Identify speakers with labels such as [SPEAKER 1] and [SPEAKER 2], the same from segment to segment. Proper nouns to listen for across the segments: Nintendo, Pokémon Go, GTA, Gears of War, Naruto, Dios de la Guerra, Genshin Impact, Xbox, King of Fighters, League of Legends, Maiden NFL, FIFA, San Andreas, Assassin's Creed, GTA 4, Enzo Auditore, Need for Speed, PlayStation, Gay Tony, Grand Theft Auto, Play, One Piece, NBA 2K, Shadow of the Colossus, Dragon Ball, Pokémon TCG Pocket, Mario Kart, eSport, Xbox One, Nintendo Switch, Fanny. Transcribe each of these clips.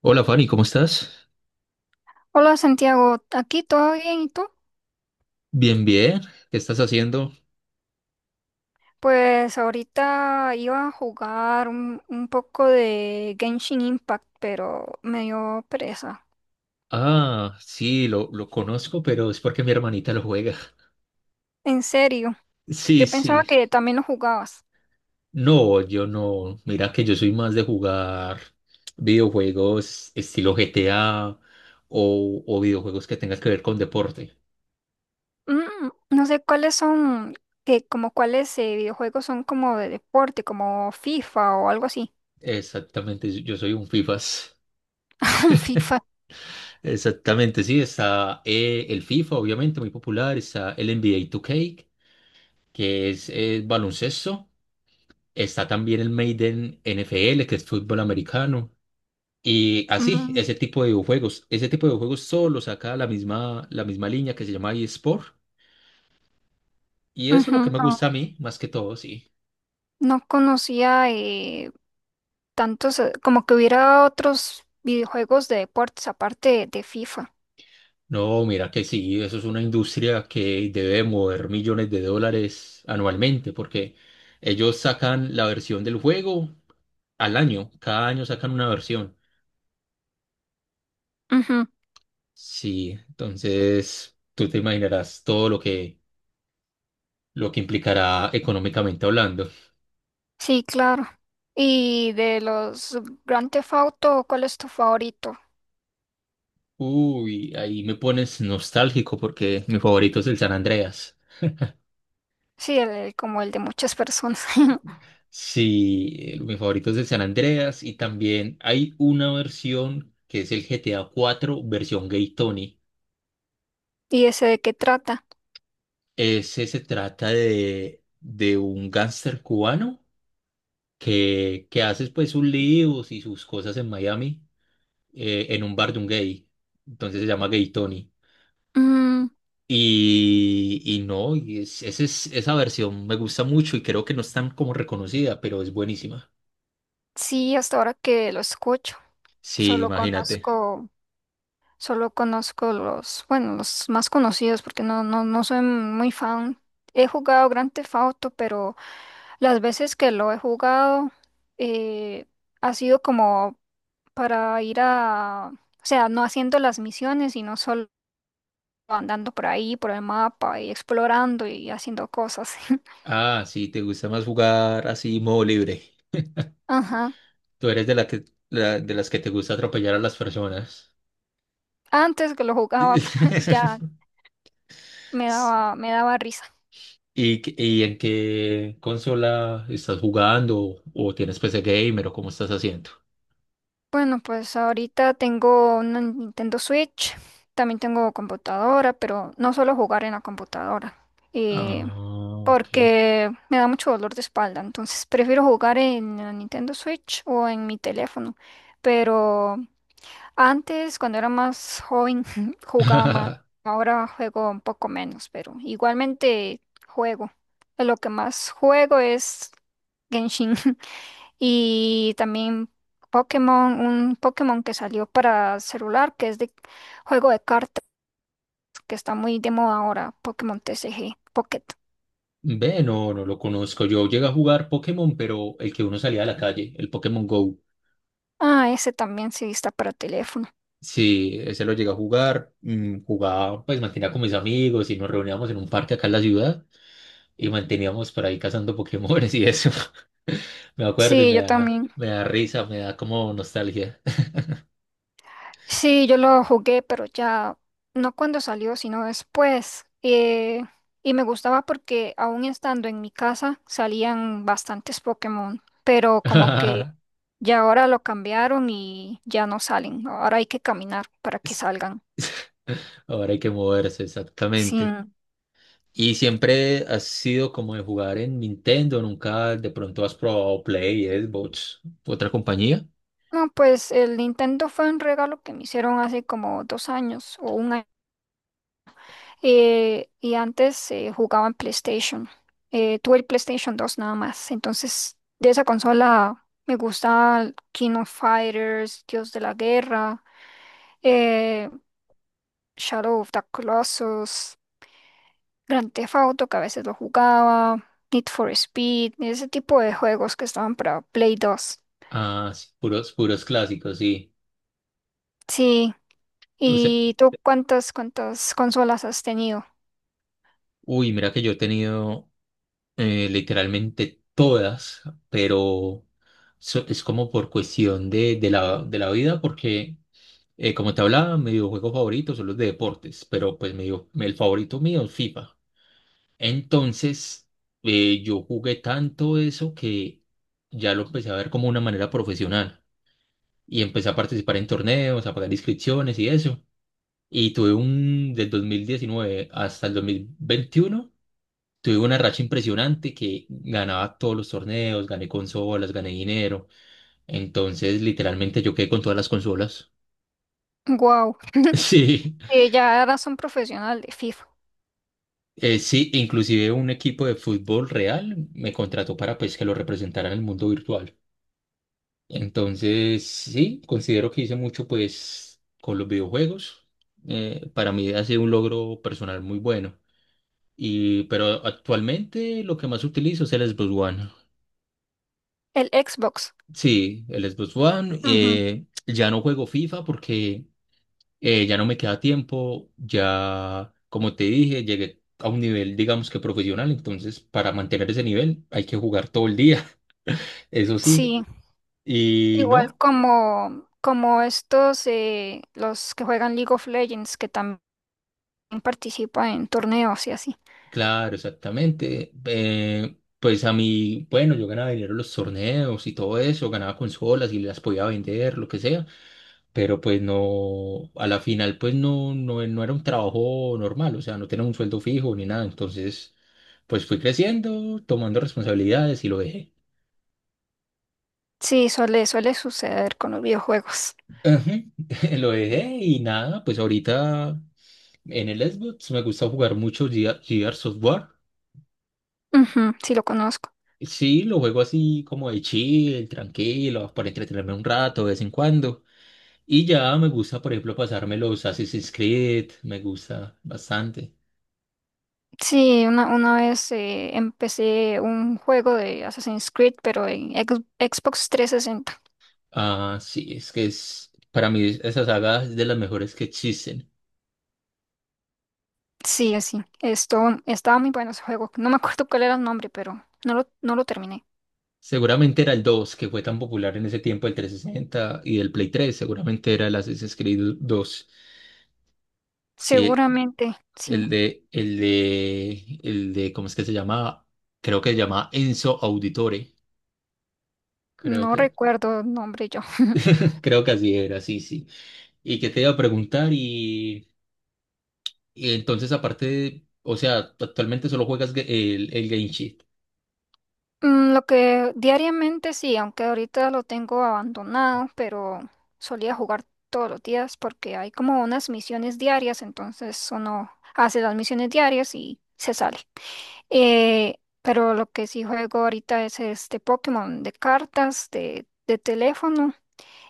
[SPEAKER 1] Hola Fanny, ¿cómo estás?
[SPEAKER 2] Hola Santiago, aquí todo bien, ¿y tú?
[SPEAKER 1] Bien, bien. ¿Qué estás haciendo?
[SPEAKER 2] Pues ahorita iba a jugar un poco de Genshin Impact, pero me dio pereza.
[SPEAKER 1] Ah, sí, lo conozco, pero es porque mi hermanita lo juega.
[SPEAKER 2] En serio,
[SPEAKER 1] Sí,
[SPEAKER 2] yo pensaba
[SPEAKER 1] sí.
[SPEAKER 2] que también lo jugabas.
[SPEAKER 1] No, yo no. Mira que yo soy más de jugar videojuegos estilo GTA o videojuegos que tengan que ver con deporte.
[SPEAKER 2] No sé cuáles son, que como cuáles videojuegos son como de deporte, como FIFA o algo así.
[SPEAKER 1] Exactamente, yo soy un FIFAs.
[SPEAKER 2] FIFA.
[SPEAKER 1] Exactamente, sí. Está el FIFA, obviamente, muy popular. Está el NBA 2K, que es baloncesto. Está también el Maiden NFL, que es fútbol americano. Y así,
[SPEAKER 2] Mm,
[SPEAKER 1] ese tipo de videojuegos. Ese tipo de videojuegos solo saca la misma línea que se llama eSport. Y eso es
[SPEAKER 2] Ujú,
[SPEAKER 1] lo que me
[SPEAKER 2] no,
[SPEAKER 1] gusta a mí, más que todo, sí.
[SPEAKER 2] no conocía tantos, como que hubiera otros videojuegos de deportes aparte de FIFA.
[SPEAKER 1] No, mira que sí, eso es una industria que debe mover millones de dólares anualmente, porque ellos sacan la versión del juego al año. Cada año sacan una versión. Sí, entonces tú te imaginarás todo lo que implicará económicamente hablando.
[SPEAKER 2] Sí, claro. Y de los Grand Theft Auto, ¿cuál es tu favorito?
[SPEAKER 1] Uy, ahí me pones nostálgico porque mi favorito es el San Andreas.
[SPEAKER 2] Sí, como el de muchas personas.
[SPEAKER 1] Sí, el- mi favorito es el San Andreas y también hay una versión que es el GTA 4 versión Gay Tony.
[SPEAKER 2] ¿Y ese de qué trata?
[SPEAKER 1] Ese se trata de un gángster cubano que hace pues sus líos y sus cosas en Miami en un bar de un gay. Entonces se llama Gay Tony.
[SPEAKER 2] Mm,
[SPEAKER 1] Y no, y es- ese es- esa versión me gusta mucho y creo que no es tan como reconocida, pero es buenísima.
[SPEAKER 2] sí, hasta ahora que lo escucho,
[SPEAKER 1] Sí,
[SPEAKER 2] solo
[SPEAKER 1] imagínate.
[SPEAKER 2] conozco, solo conozco los, bueno, los más conocidos porque no soy muy fan. He jugado Grand Theft Auto, pero las veces que lo he jugado eh, ha sido como para ir a, o sea, no haciendo las misiones, sino solo andando por ahí, por el mapa y explorando y haciendo cosas.
[SPEAKER 1] Ah, sí, te gusta más jugar así, modo libre.
[SPEAKER 2] Ajá.
[SPEAKER 1] Tú eres de la que, la- de las que te gusta atropellar a las personas.
[SPEAKER 2] Antes que lo jugaba, pero ya me daba risa.
[SPEAKER 1] ¿Y, qué- y en qué consola estás jugando? ¿O tienes PC gamer o cómo estás haciendo?
[SPEAKER 2] Bueno, pues ahorita tengo una Nintendo Switch, también tengo computadora, pero no suelo jugar en la computadora, eh,
[SPEAKER 1] Ah, ok.
[SPEAKER 2] porque me da mucho dolor de espalda, entonces prefiero jugar en la Nintendo Switch o en mi teléfono, pero antes, cuando era más joven, jugaba más. Ahora juego un poco menos, pero igualmente juego. Lo que más juego es Genshin y también Pokémon, un Pokémon que salió para celular, que es de juego de cartas, que está muy de moda ahora, Pokémon TCG Pocket.
[SPEAKER 1] Ve, no, no lo conozco. Yo llegué a jugar Pokémon, pero el que uno salía a la calle, el Pokémon Go.
[SPEAKER 2] Ah, ese también sí está para teléfono.
[SPEAKER 1] Sí, ese lo llegué a jugar. Jugaba, pues mantenía con mis amigos y nos reuníamos en un parque acá en la ciudad y manteníamos por ahí cazando Pokémones y eso. Me acuerdo y
[SPEAKER 2] Sí, yo también.
[SPEAKER 1] me da risa, me da como nostalgia.
[SPEAKER 2] Sí, yo lo jugué, pero ya no cuando salió, sino después. Y me gustaba porque aún estando en mi casa salían bastantes Pokémon, pero como que ya ahora lo cambiaron y ya no salen, ¿no? Ahora hay que caminar para que
[SPEAKER 1] Es-
[SPEAKER 2] salgan.
[SPEAKER 1] Ahora hay que moverse,
[SPEAKER 2] Sí.
[SPEAKER 1] exactamente. ¿Y siempre has sido como de jugar en Nintendo? ¿Nunca de pronto has probado Play, Xbox, otra compañía?
[SPEAKER 2] No, pues el Nintendo fue un regalo que me hicieron hace como 2 años o un año. Y antes jugaba en PlayStation. Tuve el PlayStation 2 nada más. Entonces, de esa consola me gusta King of Fighters, Dios de la Guerra, eh, Shadow of the Colossus, Grand Theft Auto, que a veces lo jugaba, Need for Speed, ese tipo de juegos que estaban para Play 2.
[SPEAKER 1] Ah, sí, puros, puros clásicos, sí.
[SPEAKER 2] Sí.
[SPEAKER 1] O sea,
[SPEAKER 2] ¿Y tú cuántas consolas has tenido?
[SPEAKER 1] uy, mira que yo he tenido literalmente todas, pero so- es como por cuestión de la vida, porque como te hablaba, mi videojuego favorito son los de deportes, pero pues mi video- el favorito mío es FIFA. Entonces, yo jugué tanto eso que ya lo empecé a ver como una manera profesional y empecé a participar en torneos, a pagar inscripciones y eso. Y tuve un, del 2019 hasta el 2021, tuve una racha impresionante que ganaba todos los torneos, gané consolas, gané dinero. Entonces, literalmente yo quedé con todas las consolas.
[SPEAKER 2] Wow.
[SPEAKER 1] Sí,
[SPEAKER 2] Ya eras un profesional de FIFA.
[SPEAKER 1] sí, inclusive un equipo de fútbol real me contrató para pues que lo representara en el mundo virtual. Entonces, sí, considero que hice mucho pues con los videojuegos. Para mí ha sido un logro personal muy bueno. Y, pero actualmente lo que más utilizo es el Xbox One.
[SPEAKER 2] El Xbox.
[SPEAKER 1] Sí, el Xbox One.
[SPEAKER 2] Ujú.
[SPEAKER 1] Ya no juego FIFA porque ya no me queda tiempo. Ya, como te dije, llegué a un nivel, digamos que profesional. Entonces, para mantener ese nivel hay que jugar todo el día, eso sí.
[SPEAKER 2] Sí.
[SPEAKER 1] Y
[SPEAKER 2] Igual
[SPEAKER 1] no,
[SPEAKER 2] como, estos, los que juegan League of Legends, que también participan en torneos y así.
[SPEAKER 1] claro, exactamente. Pues a mí, bueno, yo ganaba dinero en los torneos y todo eso, ganaba consolas y las podía vender, lo que sea. Pero pues no, a la final pues no, no, no era un trabajo normal, o sea, no tenía un sueldo fijo ni nada, entonces pues fui creciendo, tomando responsabilidades y lo dejé.
[SPEAKER 2] Sí, suele suceder con los videojuegos.
[SPEAKER 1] Ajá, lo dejé y nada, pues ahorita en el Xbox me gusta jugar mucho Gear- Gears of war.
[SPEAKER 2] Ujú, sí, lo conozco.
[SPEAKER 1] Sí, lo juego así como de chill, tranquilo, para entretenerme un rato de vez en cuando. Y ya me gusta, por ejemplo, pasarme los Assassin's Creed, me gusta bastante.
[SPEAKER 2] Sí, una vez empecé un juego de Assassin's Creed, pero en Xbox 360.
[SPEAKER 1] Ah, sí, es que es, para mí esa saga es de las mejores que existen.
[SPEAKER 2] Sí, así. Esto, estaba muy bueno ese juego. No me acuerdo cuál era el nombre, pero no lo terminé.
[SPEAKER 1] Seguramente era el 2 que fue tan popular en ese tiempo, el 360 y del Play 3. Seguramente era el Assassin's Creed 2. Sí,
[SPEAKER 2] Seguramente, sí.
[SPEAKER 1] el de, el de, el de, ¿cómo es que se llamaba? Creo que se llamaba Enzo Auditore, creo
[SPEAKER 2] No
[SPEAKER 1] que,
[SPEAKER 2] recuerdo el nombre yo.
[SPEAKER 1] creo que así era, sí, sí. Y que te iba a preguntar y entonces aparte, de- o sea, actualmente solo juegas ge- el Game Sheet.
[SPEAKER 2] Lo que diariamente sí, aunque ahorita lo tengo abandonado, pero solía jugar todos los días porque hay como unas misiones diarias, entonces uno hace las misiones diarias y se sale. Pero lo que sí juego ahorita es este Pokémon de cartas, de teléfono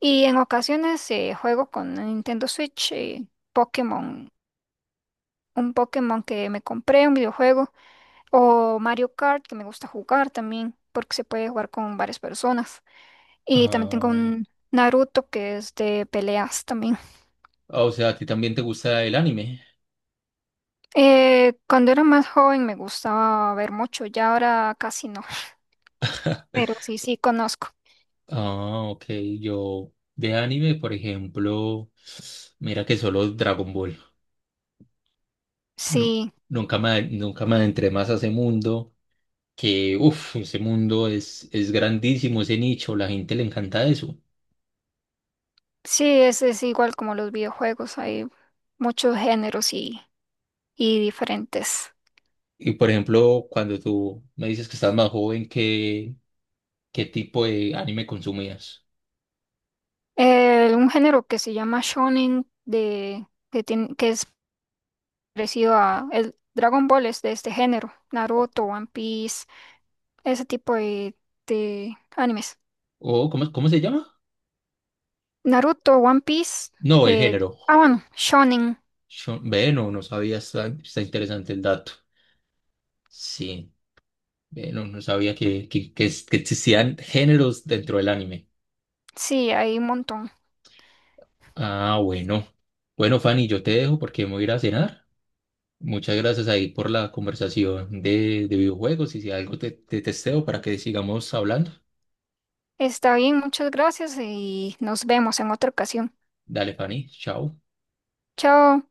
[SPEAKER 2] y en ocasiones juego con Nintendo Switch, Pokémon, un Pokémon que me compré, un videojuego. O Mario Kart, que me gusta jugar también, porque se puede jugar con varias personas. Y también tengo un Naruto, que es de peleas también.
[SPEAKER 1] Ah, o sea, ¿a ti también te gusta el anime?
[SPEAKER 2] Cuando era más joven me gustaba ver mucho, ya ahora casi no, pero sí, sí conozco.
[SPEAKER 1] Ah, ok. Yo de anime, por ejemplo, mira que solo Dragon Ball. Nu-
[SPEAKER 2] Sí,
[SPEAKER 1] nunca me, nunca me adentré más a ese mundo, que, uff, ese mundo es grandísimo, ese nicho, la gente le encanta eso.
[SPEAKER 2] sí, es igual como los videojuegos, hay muchos géneros y diferentes.
[SPEAKER 1] Y por ejemplo, cuando tú me dices que estás más joven, ¿qué, qué tipo de anime consumías?
[SPEAKER 2] Un género que se llama shonen, que es parecido a el Dragon Ball es de este género, Naruto, One Piece, ese tipo de animes.
[SPEAKER 1] ¿O cómo, cómo se llama?
[SPEAKER 2] Naruto, One Piece,
[SPEAKER 1] No, el
[SPEAKER 2] eh,
[SPEAKER 1] género.
[SPEAKER 2] ah bueno, Shonen,
[SPEAKER 1] Yo, ve, no, no sabía, está, está interesante el dato. Sí, ve, no, no sabía que es- que existían géneros dentro del anime.
[SPEAKER 2] sí, hay un montón.
[SPEAKER 1] Ah, bueno. Bueno, Fanny, yo te dejo porque me voy a ir a cenar. Muchas gracias ahí por la conversación de videojuegos y si algo te, te testeo para que sigamos hablando.
[SPEAKER 2] Está bien, muchas gracias y nos vemos en otra ocasión.
[SPEAKER 1] Dale, Fanny, chao.
[SPEAKER 2] Chao.